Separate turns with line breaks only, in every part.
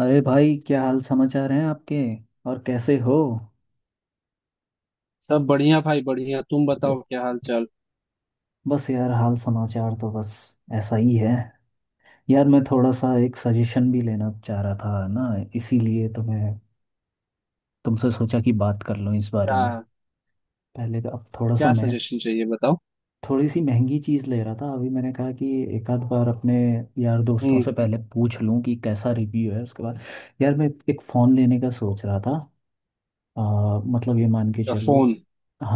अरे भाई, क्या हाल समाचार हैं आपके और कैसे हो।
सब बढ़िया भाई बढ़िया। तुम बताओ क्या हाल चाल।
बस यार, हाल समाचार तो बस ऐसा ही है। यार मैं थोड़ा सा एक सजेशन भी लेना चाह रहा था ना, इसीलिए तो मैं तुमसे सोचा कि बात कर लूँ इस बारे
क्या?
में। पहले तो अब थोड़ा सा
क्या
मैं
सजेशन चाहिए बताओ।
थोड़ी सी महंगी चीज़ ले रहा था। अभी मैंने कहा कि एक आध बार अपने यार दोस्तों
हम्म
से पहले पूछ लूँ कि कैसा रिव्यू है, उसके बाद। यार मैं एक फ़ोन लेने का सोच रहा था। आ, मतलब ये मान के
अच्छा,
चलो
फोन?
कि-।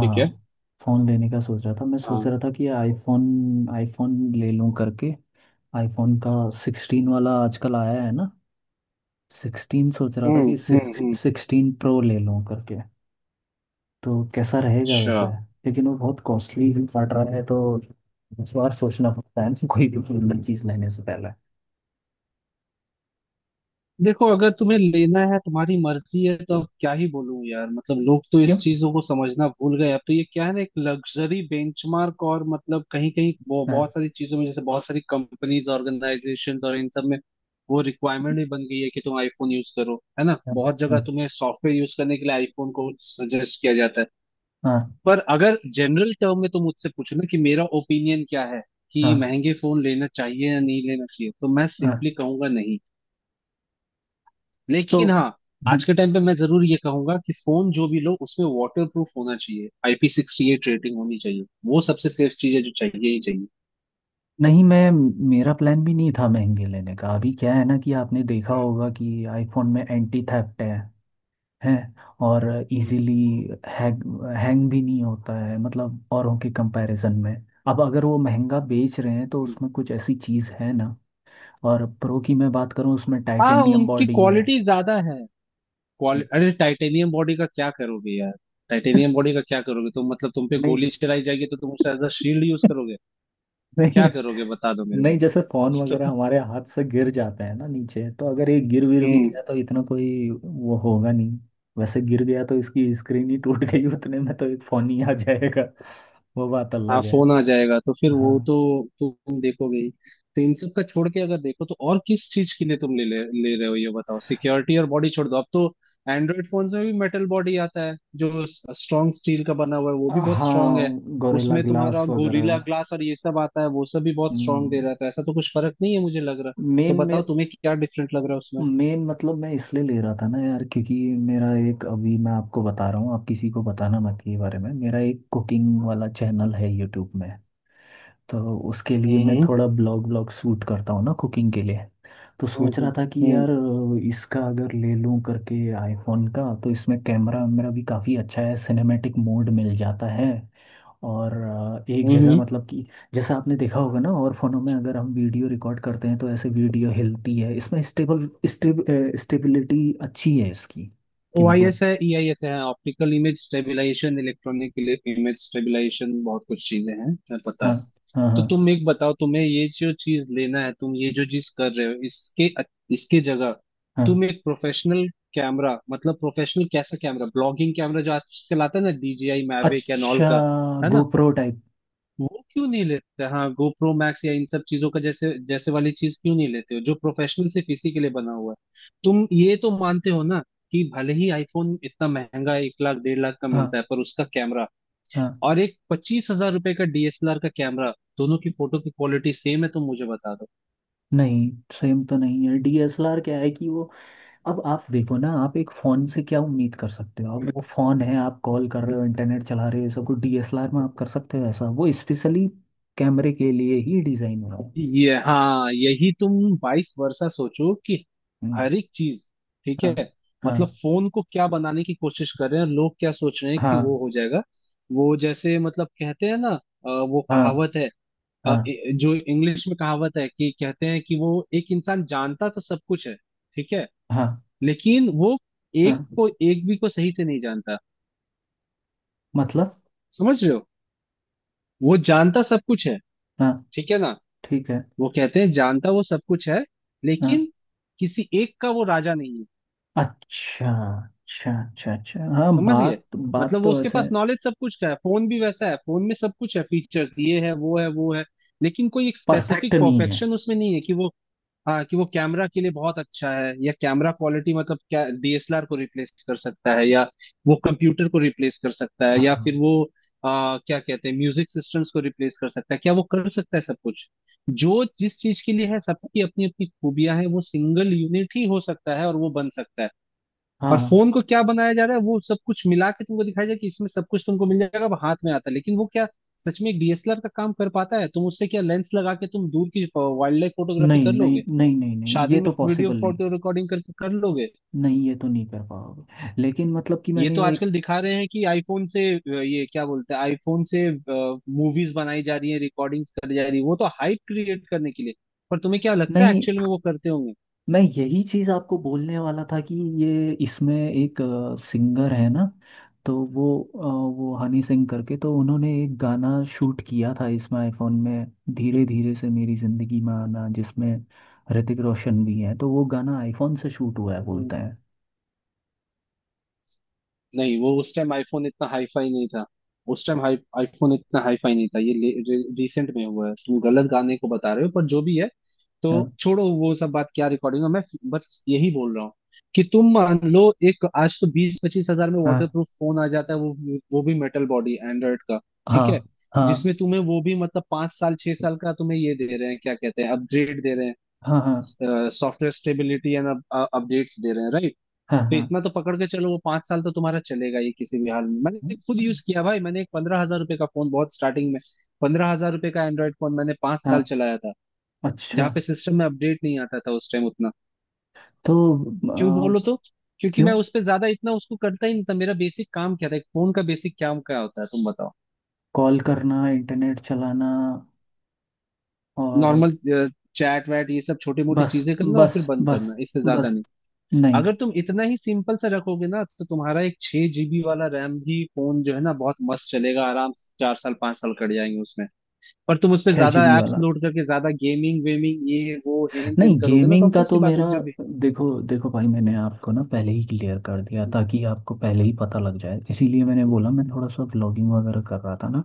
ठीक है।
फ़ोन लेने का सोच रहा था। मैं
हाँ।
सोच रहा था कि आईफोन आईफोन ले लूँ करके। आईफोन का सिक्सटीन वाला आजकल आया है ना। सिक्सटीन, सोच रहा था
हम्म
कि
हम्म
सिक्स
हम्म
सिक्सटीन प्रो ले लूँ करके, तो कैसा रहेगा
अच्छा,
वैसे। लेकिन वो बहुत कॉस्टली भी पड़ रहा है, तो इस बार सोचना पड़ता है कोई भी कीमती चीज़ लेने से पहले।
देखो अगर तुम्हें लेना है तुम्हारी मर्जी है तो अब क्या ही बोलूं यार। मतलब लोग तो
क्यों।
इस चीजों को समझना भूल गए। अब तो ये क्या है ना, एक लग्जरी बेंचमार्क। और मतलब कहीं कहीं वो
हाँ
बहुत सारी चीजों में, जैसे बहुत सारी कंपनीज, ऑर्गेनाइजेशन और इन सब में वो रिक्वायरमेंट भी बन गई है कि तुम आईफोन यूज करो, है ना।
हाँ।
बहुत
हाँ।
जगह तुम्हें सॉफ्टवेयर यूज करने के लिए आईफोन को सजेस्ट किया जाता है।
हाँ।
पर अगर जनरल टर्म में तुम मुझसे पूछो ना कि मेरा ओपिनियन क्या है कि
हाँ,
महंगे फोन लेना चाहिए या नहीं लेना चाहिए, तो मैं
हाँ।
सिंपली कहूंगा नहीं।
तो
लेकिन हाँ, आज के टाइम पे मैं जरूर ये कहूंगा कि फोन जो भी लो उसमें वाटर प्रूफ होना चाहिए, आईपी 68 रेटिंग होनी चाहिए। वो सबसे सेफ चीज है जो चाहिए ही चाहिए।
नहीं, मैं, मेरा प्लान भी नहीं था महंगे लेने का। अभी क्या है ना, कि आपने देखा
हम्म
होगा कि आईफोन में एंटी थेफ्ट है। हैं, और
हम्म,
इजीली हैंग हैंग भी नहीं होता है, मतलब औरों के कंपैरिजन में। अब अगर वो महंगा बेच रहे हैं तो
हम्म।
उसमें कुछ ऐसी चीज़ है ना। और प्रो की मैं बात करूँ, उसमें
हाँ,
टाइटेनियम
उनकी
बॉडी है।
क्वालिटी ज्यादा है। क्वालि अरे टाइटेनियम बॉडी का क्या करोगे यार। टाइटेनियम बॉडी का क्या करोगे तुम? मतलब तुम पे
नहीं
गोली
जिस
चलाई जाएगी तो तुम उसे एज अ शील्ड यूज करोगे?
नहीं,
क्या करोगे बता दो मेरे
नहीं, जैसे फोन वगैरह
को।
हमारे हाथ से गिर जाते हैं ना नीचे, तो अगर ये गिर विर भी
हम्म
गया तो इतना कोई वो होगा नहीं। वैसे गिर गया तो इसकी स्क्रीन ही टूट गई, उतने में तो एक फोन ही आ जाएगा। वो बात
हाँ,
अलग है।
फोन आ जाएगा तो फिर वो
हाँ।
तो तुम देखोगे ही। तो इन सब का छोड़ के अगर देखो तो और किस चीज के लिए तुम ले ले, ले रहे हो ये बताओ। सिक्योरिटी और बॉडी छोड़ दो, अब तो एंड्रॉइड फोन्स में भी मेटल बॉडी आता है जो स्ट्रॉन्ग स्टील का बना हुआ है, वो भी बहुत स्ट्रांग है।
हाँ, गोरिल्ला
उसमें तुम्हारा
ग्लास वगैरह।
गोरिल्ला ग्लास और ये सब आता है, वो सब भी बहुत स्ट्रांग दे
हम्म,
रहा है। तो ऐसा तो कुछ फर्क नहीं है मुझे लग रहा। तो
मेन में।
बताओ तुम्हें क्या डिफरेंट लग रहा है उसमें?
मेन मतलब मैं इसलिए ले रहा था ना यार, क्योंकि मेरा एक, अभी मैं आपको बता रहा हूँ, आप किसी को बताना मत ये बारे में, मेरा एक कुकिंग वाला चैनल है यूट्यूब में। तो उसके लिए मैं
हम्म
थोड़ा ब्लॉग ब्लॉग शूट करता हूँ ना कुकिंग के लिए। तो
हम्म
सोच रहा
हम्म
था कि
हम्म
यार इसका अगर ले लूँ करके, आईफोन का, तो इसमें कैमरा मेरा भी काफ़ी अच्छा है, सिनेमैटिक मोड मिल जाता है। और एक जगह
हम्म,
मतलब कि जैसा आपने देखा होगा ना, और फोनों में अगर हम वीडियो रिकॉर्ड करते हैं तो ऐसे वीडियो हिलती है। इसमें स्टेबल स्टेब स्टेबिलिटी अच्छी है इसकी,
ओ
कि
आई एस
मतलब।
है, ई आई एस है, optical image stabilisation, electronic image stabilisation, बहुत कुछ चीजें हैं मैं पता है।
हाँ, हाँ।
तो
हाँ,
तुम एक बताओ, तुम्हें ये जो चीज लेना है तुम ये जो चीज कर रहे हो, इसके इसके जगह
हाँ।
तुम एक प्रोफेशनल कैमरा, मतलब प्रोफेशनल कैसा कैमरा, ब्लॉगिंग कैमरा जो आजकल आता है ना, DJI मैविक एंड ऑल
अच्छा,
का, है ना।
GoPro type.
वो क्यों नहीं लेते? हाँ, गोप्रो मैक्स या इन सब चीजों का, जैसे जैसे वाली चीज क्यों नहीं लेते हो जो प्रोफेशनल सिर्फ इसी के लिए बना हुआ है? तुम ये तो मानते हो ना कि भले ही आईफोन इतना महंगा है, 1 लाख डेढ़ लाख का मिलता
हाँ।
है, पर उसका कैमरा
हाँ,
और एक 25 हज़ार रुपए का डीएसएलआर का कैमरा, दोनों की फोटो की क्वालिटी सेम है, तो मुझे बता दो।
नहीं सेम तो नहीं है। डीएसएलआर क्या है कि वो, अब आप देखो ना, आप एक फ़ोन से क्या उम्मीद कर सकते हो। आप, वो फ़ोन है, आप कॉल कर रहे हो, इंटरनेट चला रहे हो, ये सब कुछ। डीएसएलआर में आप कर सकते हो ऐसा, वो स्पेशली कैमरे के लिए ही डिज़ाइन हुआ है।
ये हाँ, यही तुम वाइस वर्सा सोचो कि
हम्म,
हर एक चीज, ठीक
हाँ।
है?
हाँ।
मतलब फोन को क्या बनाने की कोशिश कर रहे हैं लोग? क्या सोच रहे हैं कि
हाँ,
वो हो जाएगा? वो जैसे मतलब कहते हैं ना, वो
हाँ।
कहावत है,
हाँ,
जो इंग्लिश में कहावत है, कि कहते हैं कि वो एक इंसान जानता तो सब कुछ है, ठीक है,
हाँ।
लेकिन वो एक
हाँ,
को, एक भी को सही से नहीं जानता।
मतलब।
समझ रहे हो? वो जानता सब कुछ है,
हाँ,
ठीक है ना।
ठीक है।
वो कहते हैं जानता वो सब कुछ है,
हाँ,
लेकिन किसी एक का वो राजा नहीं है।
अच्छा अच्छा अच्छा अच्छा, हाँ
समझ गए?
बात बात
मतलब वो,
तो
उसके
वैसे
पास नॉलेज सब कुछ का है। फोन भी वैसा है, फोन में सब कुछ है, फीचर्स ये है, वो है, वो है, लेकिन कोई एक
परफेक्ट
स्पेसिफिक
नहीं है।
परफेक्शन उसमें नहीं है, कि वो हाँ, कि वो कैमरा के लिए बहुत अच्छा है या कैमरा क्वालिटी। मतलब क्या डीएसएलआर को रिप्लेस कर सकता है, या वो कंप्यूटर को रिप्लेस कर सकता है, या फिर
हाँ।
वो क्या कहते हैं, म्यूजिक सिस्टम्स को रिप्लेस कर सकता है, क्या वो कर सकता है सब कुछ? जो जिस चीज के लिए है, सबकी अपनी अपनी खूबियां हैं, वो सिंगल यूनिट ही हो सकता है और वो बन सकता है। और
हाँ,
फोन को क्या बनाया जा रहा है, वो सब कुछ मिला के तुमको दिखाया जाए कि इसमें सब कुछ तुमको मिल जाएगा, अब हाथ में आता है। लेकिन वो क्या सच में एक डीएसएलआर का काम कर पाता है? तुम उससे क्या लेंस लगा के तुम दूर की वाइल्ड लाइफ फोटोग्राफी
नहीं
कर
नहीं
लोगे?
नहीं नहीं नहीं, ये
शादी
तो
में वीडियो
पॉसिबल नहीं।
फोटो रिकॉर्डिंग करके कर लोगे?
नहीं, ये तो नहीं कर पाओगे, लेकिन मतलब कि
ये तो
मैंने एक,
आजकल दिखा रहे हैं कि आईफोन से ये क्या बोलते हैं, आईफोन से मूवीज बनाई जा रही है, रिकॉर्डिंग्स करी जा रही है, वो तो हाइप क्रिएट करने के लिए। पर तुम्हें क्या लगता है
नहीं
एक्चुअल में वो करते होंगे?
मैं यही चीज आपको बोलने वाला था कि ये, इसमें एक सिंगर है ना, तो वो वो हनी सिंह करके, तो उन्होंने एक गाना शूट किया था इसमें, आईफोन में। धीरे धीरे से मेरी जिंदगी में आना, जिसमें ऋतिक रोशन भी है, तो वो गाना आईफोन से शूट हुआ है
हम्म।
बोलते हैं।
नहीं, वो उस टाइम आईफोन इतना हाई फाई नहीं था। उस टाइम हाई आईफोन इतना हाई फाई नहीं था, ये रिसेंट में हुआ है। तुम गलत गाने को बता रहे हो, पर जो भी है। तो
हाँ।
छोड़ो वो सब बात, क्या रिकॉर्डिंग है। मैं बस यही बोल रहा हूँ कि तुम मान लो, एक आज तो 20-25 हज़ार में वाटर
हाँ।
प्रूफ फोन आ जाता है, वो भी मेटल बॉडी एंड्रॉइड का,
हाँ।
ठीक है,
हाँ।
जिसमें तुम्हें वो भी मतलब 5 साल 6 साल का तुम्हें ये दे रहे हैं, क्या कहते हैं, अपग्रेड दे रहे हैं,
हाँ। हाँ।
सॉफ्टवेयर स्टेबिलिटी एंड अपडेट्स दे रहे हैं, right?
हाँ।
तो
हाँ,
इतना तो पकड़ के चलो वो 5 साल तो तुम्हारा चलेगा ये, किसी भी हाल में। मैंने खुद यूज किया भाई, मैंने एक 15 हज़ार रुपए का फोन बहुत स्टार्टिंग में, 15 हज़ार रुपए का एंड्रॉइड फोन मैंने 5 साल
हाँ,
चलाया था,
अच्छा।
जहाँ पे सिस्टम में अपडेट नहीं आता था उस टाइम उतना।
तो
क्यों,
अ,
बोलो तो? क्योंकि
क्यों,
मैं उस पे ज्यादा इतना उसको करता ही नहीं था। मेरा बेसिक काम क्या था, एक फोन का बेसिक काम क्या होता है, तुम बताओ।
कॉल करना, इंटरनेट चलाना, और
नॉर्मल चैट वैट ये सब छोटी मोटी
बस,
चीजें करना और
बस,
फिर बंद
बस,
करना, इससे ज्यादा
बस।
नहीं।
नहीं,
अगर तुम इतना ही सिंपल सा रखोगे ना, तो तुम्हारा एक 6 GB वाला रैम भी फोन जो है ना, बहुत मस्त चलेगा, आराम से 4 साल 5 साल कट जाएंगे उसमें। पर तुम उसपे
छः
ज्यादा
जीबी
एप्स
वाला,
लोड करके ज्यादा गेमिंग वेमिंग ये वो हेन तेन
नहीं
करोगे ना, तो
गेमिंग का
ऑब्वियस सी
तो
बात
मेरा।
है, जब
देखो देखो भाई, मैंने आपको ना पहले ही क्लियर कर दिया ताकि आपको पहले ही पता लग जाए, इसीलिए मैंने बोला मैं थोड़ा सा व्लॉगिंग वगैरह कर रहा था ना।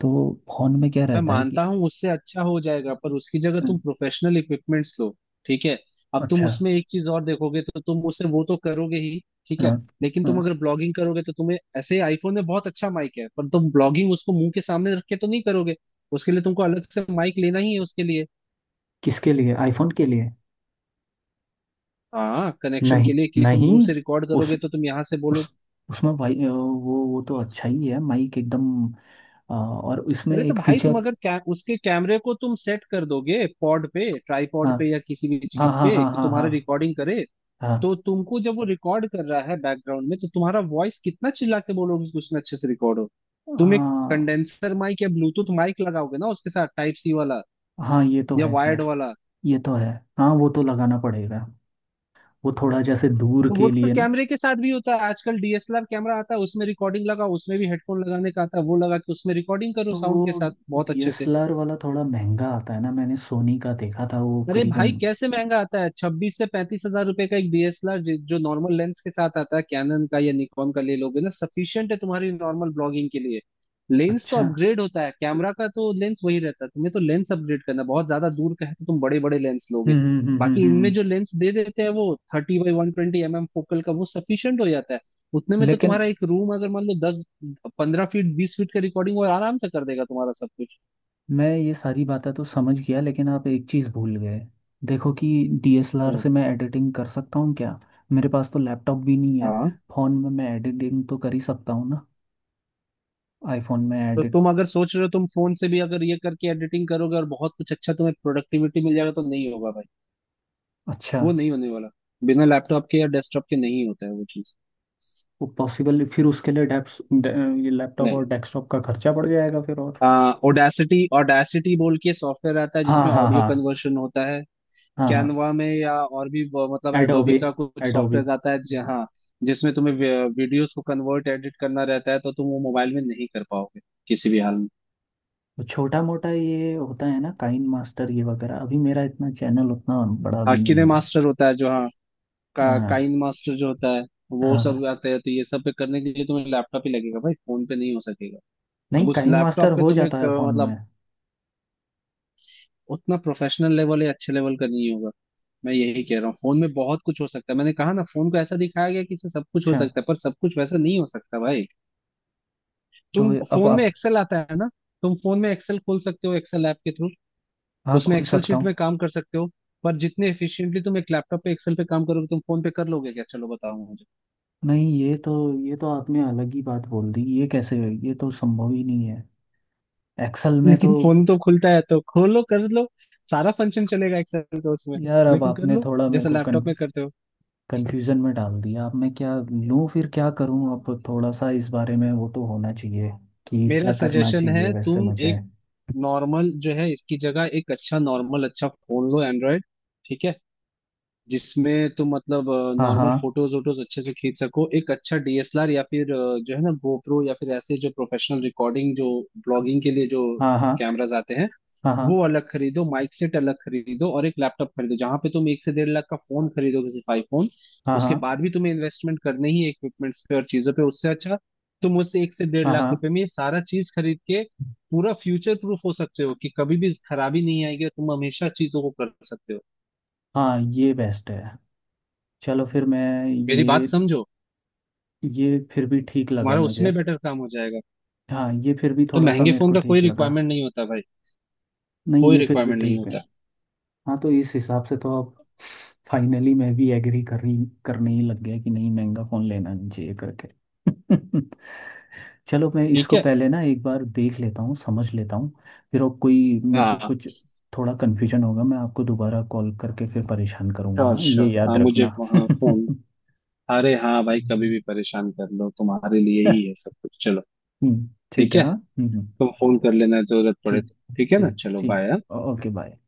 तो फोन में क्या
मैं
रहता है कि।
मानता हूँ उससे अच्छा हो जाएगा, पर उसकी जगह तुम
हम्म,
प्रोफेशनल इक्विपमेंट्स लो। ठीक है। अब तुम
अच्छा।
उसमें एक चीज और देखोगे तो तुम उसे वो तो करोगे ही, ठीक है,
हाँ।
लेकिन तुम
हाँ,
अगर ब्लॉगिंग करोगे तो तुम्हें ऐसे आईफोन में बहुत अच्छा माइक है, पर तुम ब्लॉगिंग उसको मुंह के सामने रख के तो नहीं करोगे। उसके लिए तुमको अलग से माइक लेना ही है उसके लिए।
किसके लिए, आईफोन के लिए।
हाँ, कनेक्शन के
नहीं,
लिए, कि तुम
नहीं,
दूर से रिकॉर्ड
उस,
करोगे तो तुम यहाँ से बोलो।
उस, उसमें भाई वो तो अच्छा ही है माइक एकदम। हाँ, और इसमें
अरे तो
एक
भाई तुम
फीचर।
अगर उसके कैमरे को तुम सेट कर दोगे पॉड पे, ट्राईपॉड
हाँ,
पे या किसी भी
हाँ,
चीज
हाँ,
पे
हाँ,
कि
हाँ।
तुम्हारा
हाँ।
रिकॉर्डिंग करे,
हाँ।
तो तुमको जब वो रिकॉर्ड कर रहा है बैकग्राउंड में, तो तुम्हारा वॉइस कितना चिल्ला के बोलोगे कि उसमें अच्छे से रिकॉर्ड हो? तुम एक
हाँ,
कंडेंसर माइक या ब्लूटूथ माइक लगाओगे ना उसके साथ, टाइप सी वाला
हाँ ये तो
या
है
वायर्ड
खैर।
वाला।
ये तो है। हाँ, वो तो लगाना पड़ेगा। वो थोड़ा जैसे दूर
तो वो
के
तो
लिए ना।
कैमरे के साथ भी होता है। आजकल डीएसएलआर कैमरा आता है उसमें रिकॉर्डिंग लगाओ, उसमें भी हेडफोन लगाने का आता है, वो लगा के उसमें रिकॉर्डिंग करो
तो
साउंड के
वो
साथ बहुत अच्छे से।
डीएसएलआर वाला थोड़ा महंगा आता है ना, मैंने सोनी का देखा था वो
अरे भाई
करीबन।
कैसे महंगा आता है, 26 से 35 हज़ार रुपए का एक डीएसएलआर जो नॉर्मल लेंस के साथ आता है, कैनन का या निकॉन का ले लोगे ना, सफिशियंट है तुम्हारी नॉर्मल ब्लॉगिंग के लिए। लेंस तो
अच्छा। हम्म
अपग्रेड होता है, कैमरा का तो लेंस वही रहता है, तुम्हें तो लेंस अपग्रेड करना है। बहुत ज्यादा दूर का है तो तुम बड़े बड़े लेंस लोगे।
हम्म हम्म हम्म
बाकी इनमें
हम्म।
जो लेंस दे देते हैं वो 30x120 mm फोकल का, वो सफिशियंट हो जाता है। उतने में तो
लेकिन
तुम्हारा एक रूम, अगर मान लो 10-15 फीट 20 फीट का, रिकॉर्डिंग वो आराम से कर देगा तुम्हारा सब कुछ।
मैं ये सारी बातें तो समझ गया लेकिन आप एक चीज़ भूल गए। देखो कि डीएसएलआर
हम्म
से मैं एडिटिंग कर सकता हूँ क्या, मेरे पास तो लैपटॉप भी नहीं है।
हाँ,
फ़ोन में मैं एडिटिंग तो कर ही सकता हूँ ना, आईफोन में
तो
एडिट।
तुम अगर सोच रहे हो तुम फोन से भी अगर ये करके एडिटिंग करोगे और बहुत कुछ अच्छा तुम्हें प्रोडक्टिविटी मिल जाएगा, तो नहीं होगा भाई।
अच्छा,
वो नहीं होने वाला। बिना लैपटॉप के या डेस्कटॉप के नहीं होता है वो चीज।
वो पॉसिबल, फिर उसके लिए डेप्स, ये लैपटॉप
नहीं,
और डेस्कटॉप का खर्चा पड़ जाएगा फिर और।
ओडेसिटी ओडेसिटी बोल के सॉफ्टवेयर आता है
हाँ,
जिसमें
हाँ।
ऑडियो
हाँ,
कन्वर्शन होता है।
हाँ, हाँ।
कैनवा में या और भी मतलब एडोबी
एडोबी,
का कुछ
एडोबी।
सॉफ्टवेयर आता है जहाँ जिसमें तुम्हें वीडियोस को कन्वर्ट एडिट करना रहता है, तो तुम वो मोबाइल में नहीं कर पाओगे किसी भी हाल में।
तो छोटा मोटा ये होता है ना काइन मास्टर ये वगैरह, अभी मेरा इतना चैनल उतना बड़ा
हाँ
भी
किने
नहीं है।
मास्टर होता है जो, हाँ
हाँ,
काइन मास्टर जो होता है वो
हाँ।
सब
हाँ।
आता है, तो ये सब पे करने के लिए तुम्हें लैपटॉप ही लगेगा भाई, फोन पे नहीं हो सकेगा।
नहीं,
अब उस
काइन मास्टर
लैपटॉप पे
हो
तुम्हें
जाता है फोन
मतलब
में।
उतना प्रोफेशनल लेवल या अच्छे लेवल का नहीं होगा। मैं यही कह रहा हूँ, फोन में बहुत कुछ हो सकता है, मैंने कहा ना फोन को ऐसा दिखाया गया कि इससे सब कुछ हो
अच्छा,
सकता है, पर सब कुछ वैसा नहीं हो सकता भाई।
तो
तुम
ये- अब
फोन में
आप।
एक्सेल आता है ना, तुम फोन में एक्सेल खोल सकते हो, एक्सेल ऐप के थ्रू
हाँ,
उसमें
खोल
एक्सेल
सकता
शीट में
हूँ।
काम कर सकते हो, पर जितने एफिशिएंटली तुम एक लैपटॉप पे एक्सेल पे काम करोगे तुम फोन पे कर लोगे क्या, चलो बताओ मुझे।
नहीं, ये तो, ये तो आपने अलग ही बात बोल दी, ये कैसे, ये तो संभव ही नहीं है। एक्सेल में तो,
लेकिन फोन तो खुलता है तो खोलो कर लो, सारा फंक्शन चलेगा एक्सेल का उसमें,
यार अब
लेकिन कर
आपने
लो
थोड़ा मेरे
जैसा
को
लैपटॉप में करते हो।
कंफ्यूजन में डाल दिया। अब मैं क्या लूँ फिर क्या करूँ, अब थोड़ा सा इस बारे में वो तो होना चाहिए कि
मेरा
क्या करना
सजेशन है
चाहिए वैसे
तुम
मुझे।
एक नॉर्मल जो है इसकी जगह एक अच्छा, नॉर्मल अच्छा फोन लो एंड्रॉयड, ठीक है, जिसमें तुम मतलब
हाँ,
नॉर्मल
हाँ,
फोटोज वोटोज अच्छे से खींच सको, एक अच्छा डीएसएलआर या फिर जो है ना गोप्रो या फिर ऐसे जो प्रोफेशनल रिकॉर्डिंग, जो ब्लॉगिंग के लिए जो
हाँ, हाँ,
कैमराज आते हैं,
हाँ, हाँ,
वो अलग खरीदो, माइक सेट अलग खरीदो, और एक लैपटॉप खरीदो। जहां पे तुम 1 से डेढ़ लाख का फोन खरीदोगे सिर्फ आईफोन, उसके
हाँ,
बाद भी तुम्हें इन्वेस्टमेंट करनी ही इक्विपमेंट्स पे और चीजों पे, उससे अच्छा तुम उस एक से डेढ़
हाँ,
लाख
हाँ, हाँ,
रुपए में ये सारा चीज खरीद के पूरा फ्यूचर प्रूफ हो सकते हो, कि कभी भी खराबी नहीं आएगी और तुम हमेशा चीजों को कर सकते हो।
हाँ, ये बेस्ट है। चलो फिर मैं
मेरी
ये
बात समझो,
ये फिर भी ठीक लगा
तुम्हारा
मुझे।
उसमें बेटर काम हो जाएगा।
हाँ, ये फिर भी
तो
थोड़ा सा
महंगे
मेरे
फोन
को
का कोई
ठीक लगा।
रिक्वायरमेंट नहीं होता भाई,
नहीं,
कोई
ये फिर भी
रिक्वायरमेंट नहीं
ठीक है।
होता।
हाँ, तो इस हिसाब से तो अब फाइनली मैं भी एग्री कर रही करने ही लग गया कि नहीं, महंगा फ़ोन लेना नहीं चाहिए करके। चलो, मैं
ठीक
इसको
है।
पहले ना एक बार देख लेता हूँ समझ लेता हूँ, फिर और कोई मेरे को
हाँ,
कुछ थोड़ा कन्फ्यूजन होगा मैं आपको दोबारा कॉल करके फिर परेशान करूँगा,
श्योर
हाँ ये
श्योर।
याद
हाँ मुझे,
रखना।
हाँ फोन, अरे हाँ भाई कभी भी परेशान कर लो, तुम्हारे लिए ही है सब कुछ। चलो
ठीक
ठीक
है।
है,
हाँ। हम्म।
तुम फोन कर लेना जरूरत पड़े
ठीक,
तो, ठीक है ना,
ठीक,
चलो बाय।
ठीक, ओके, बाय।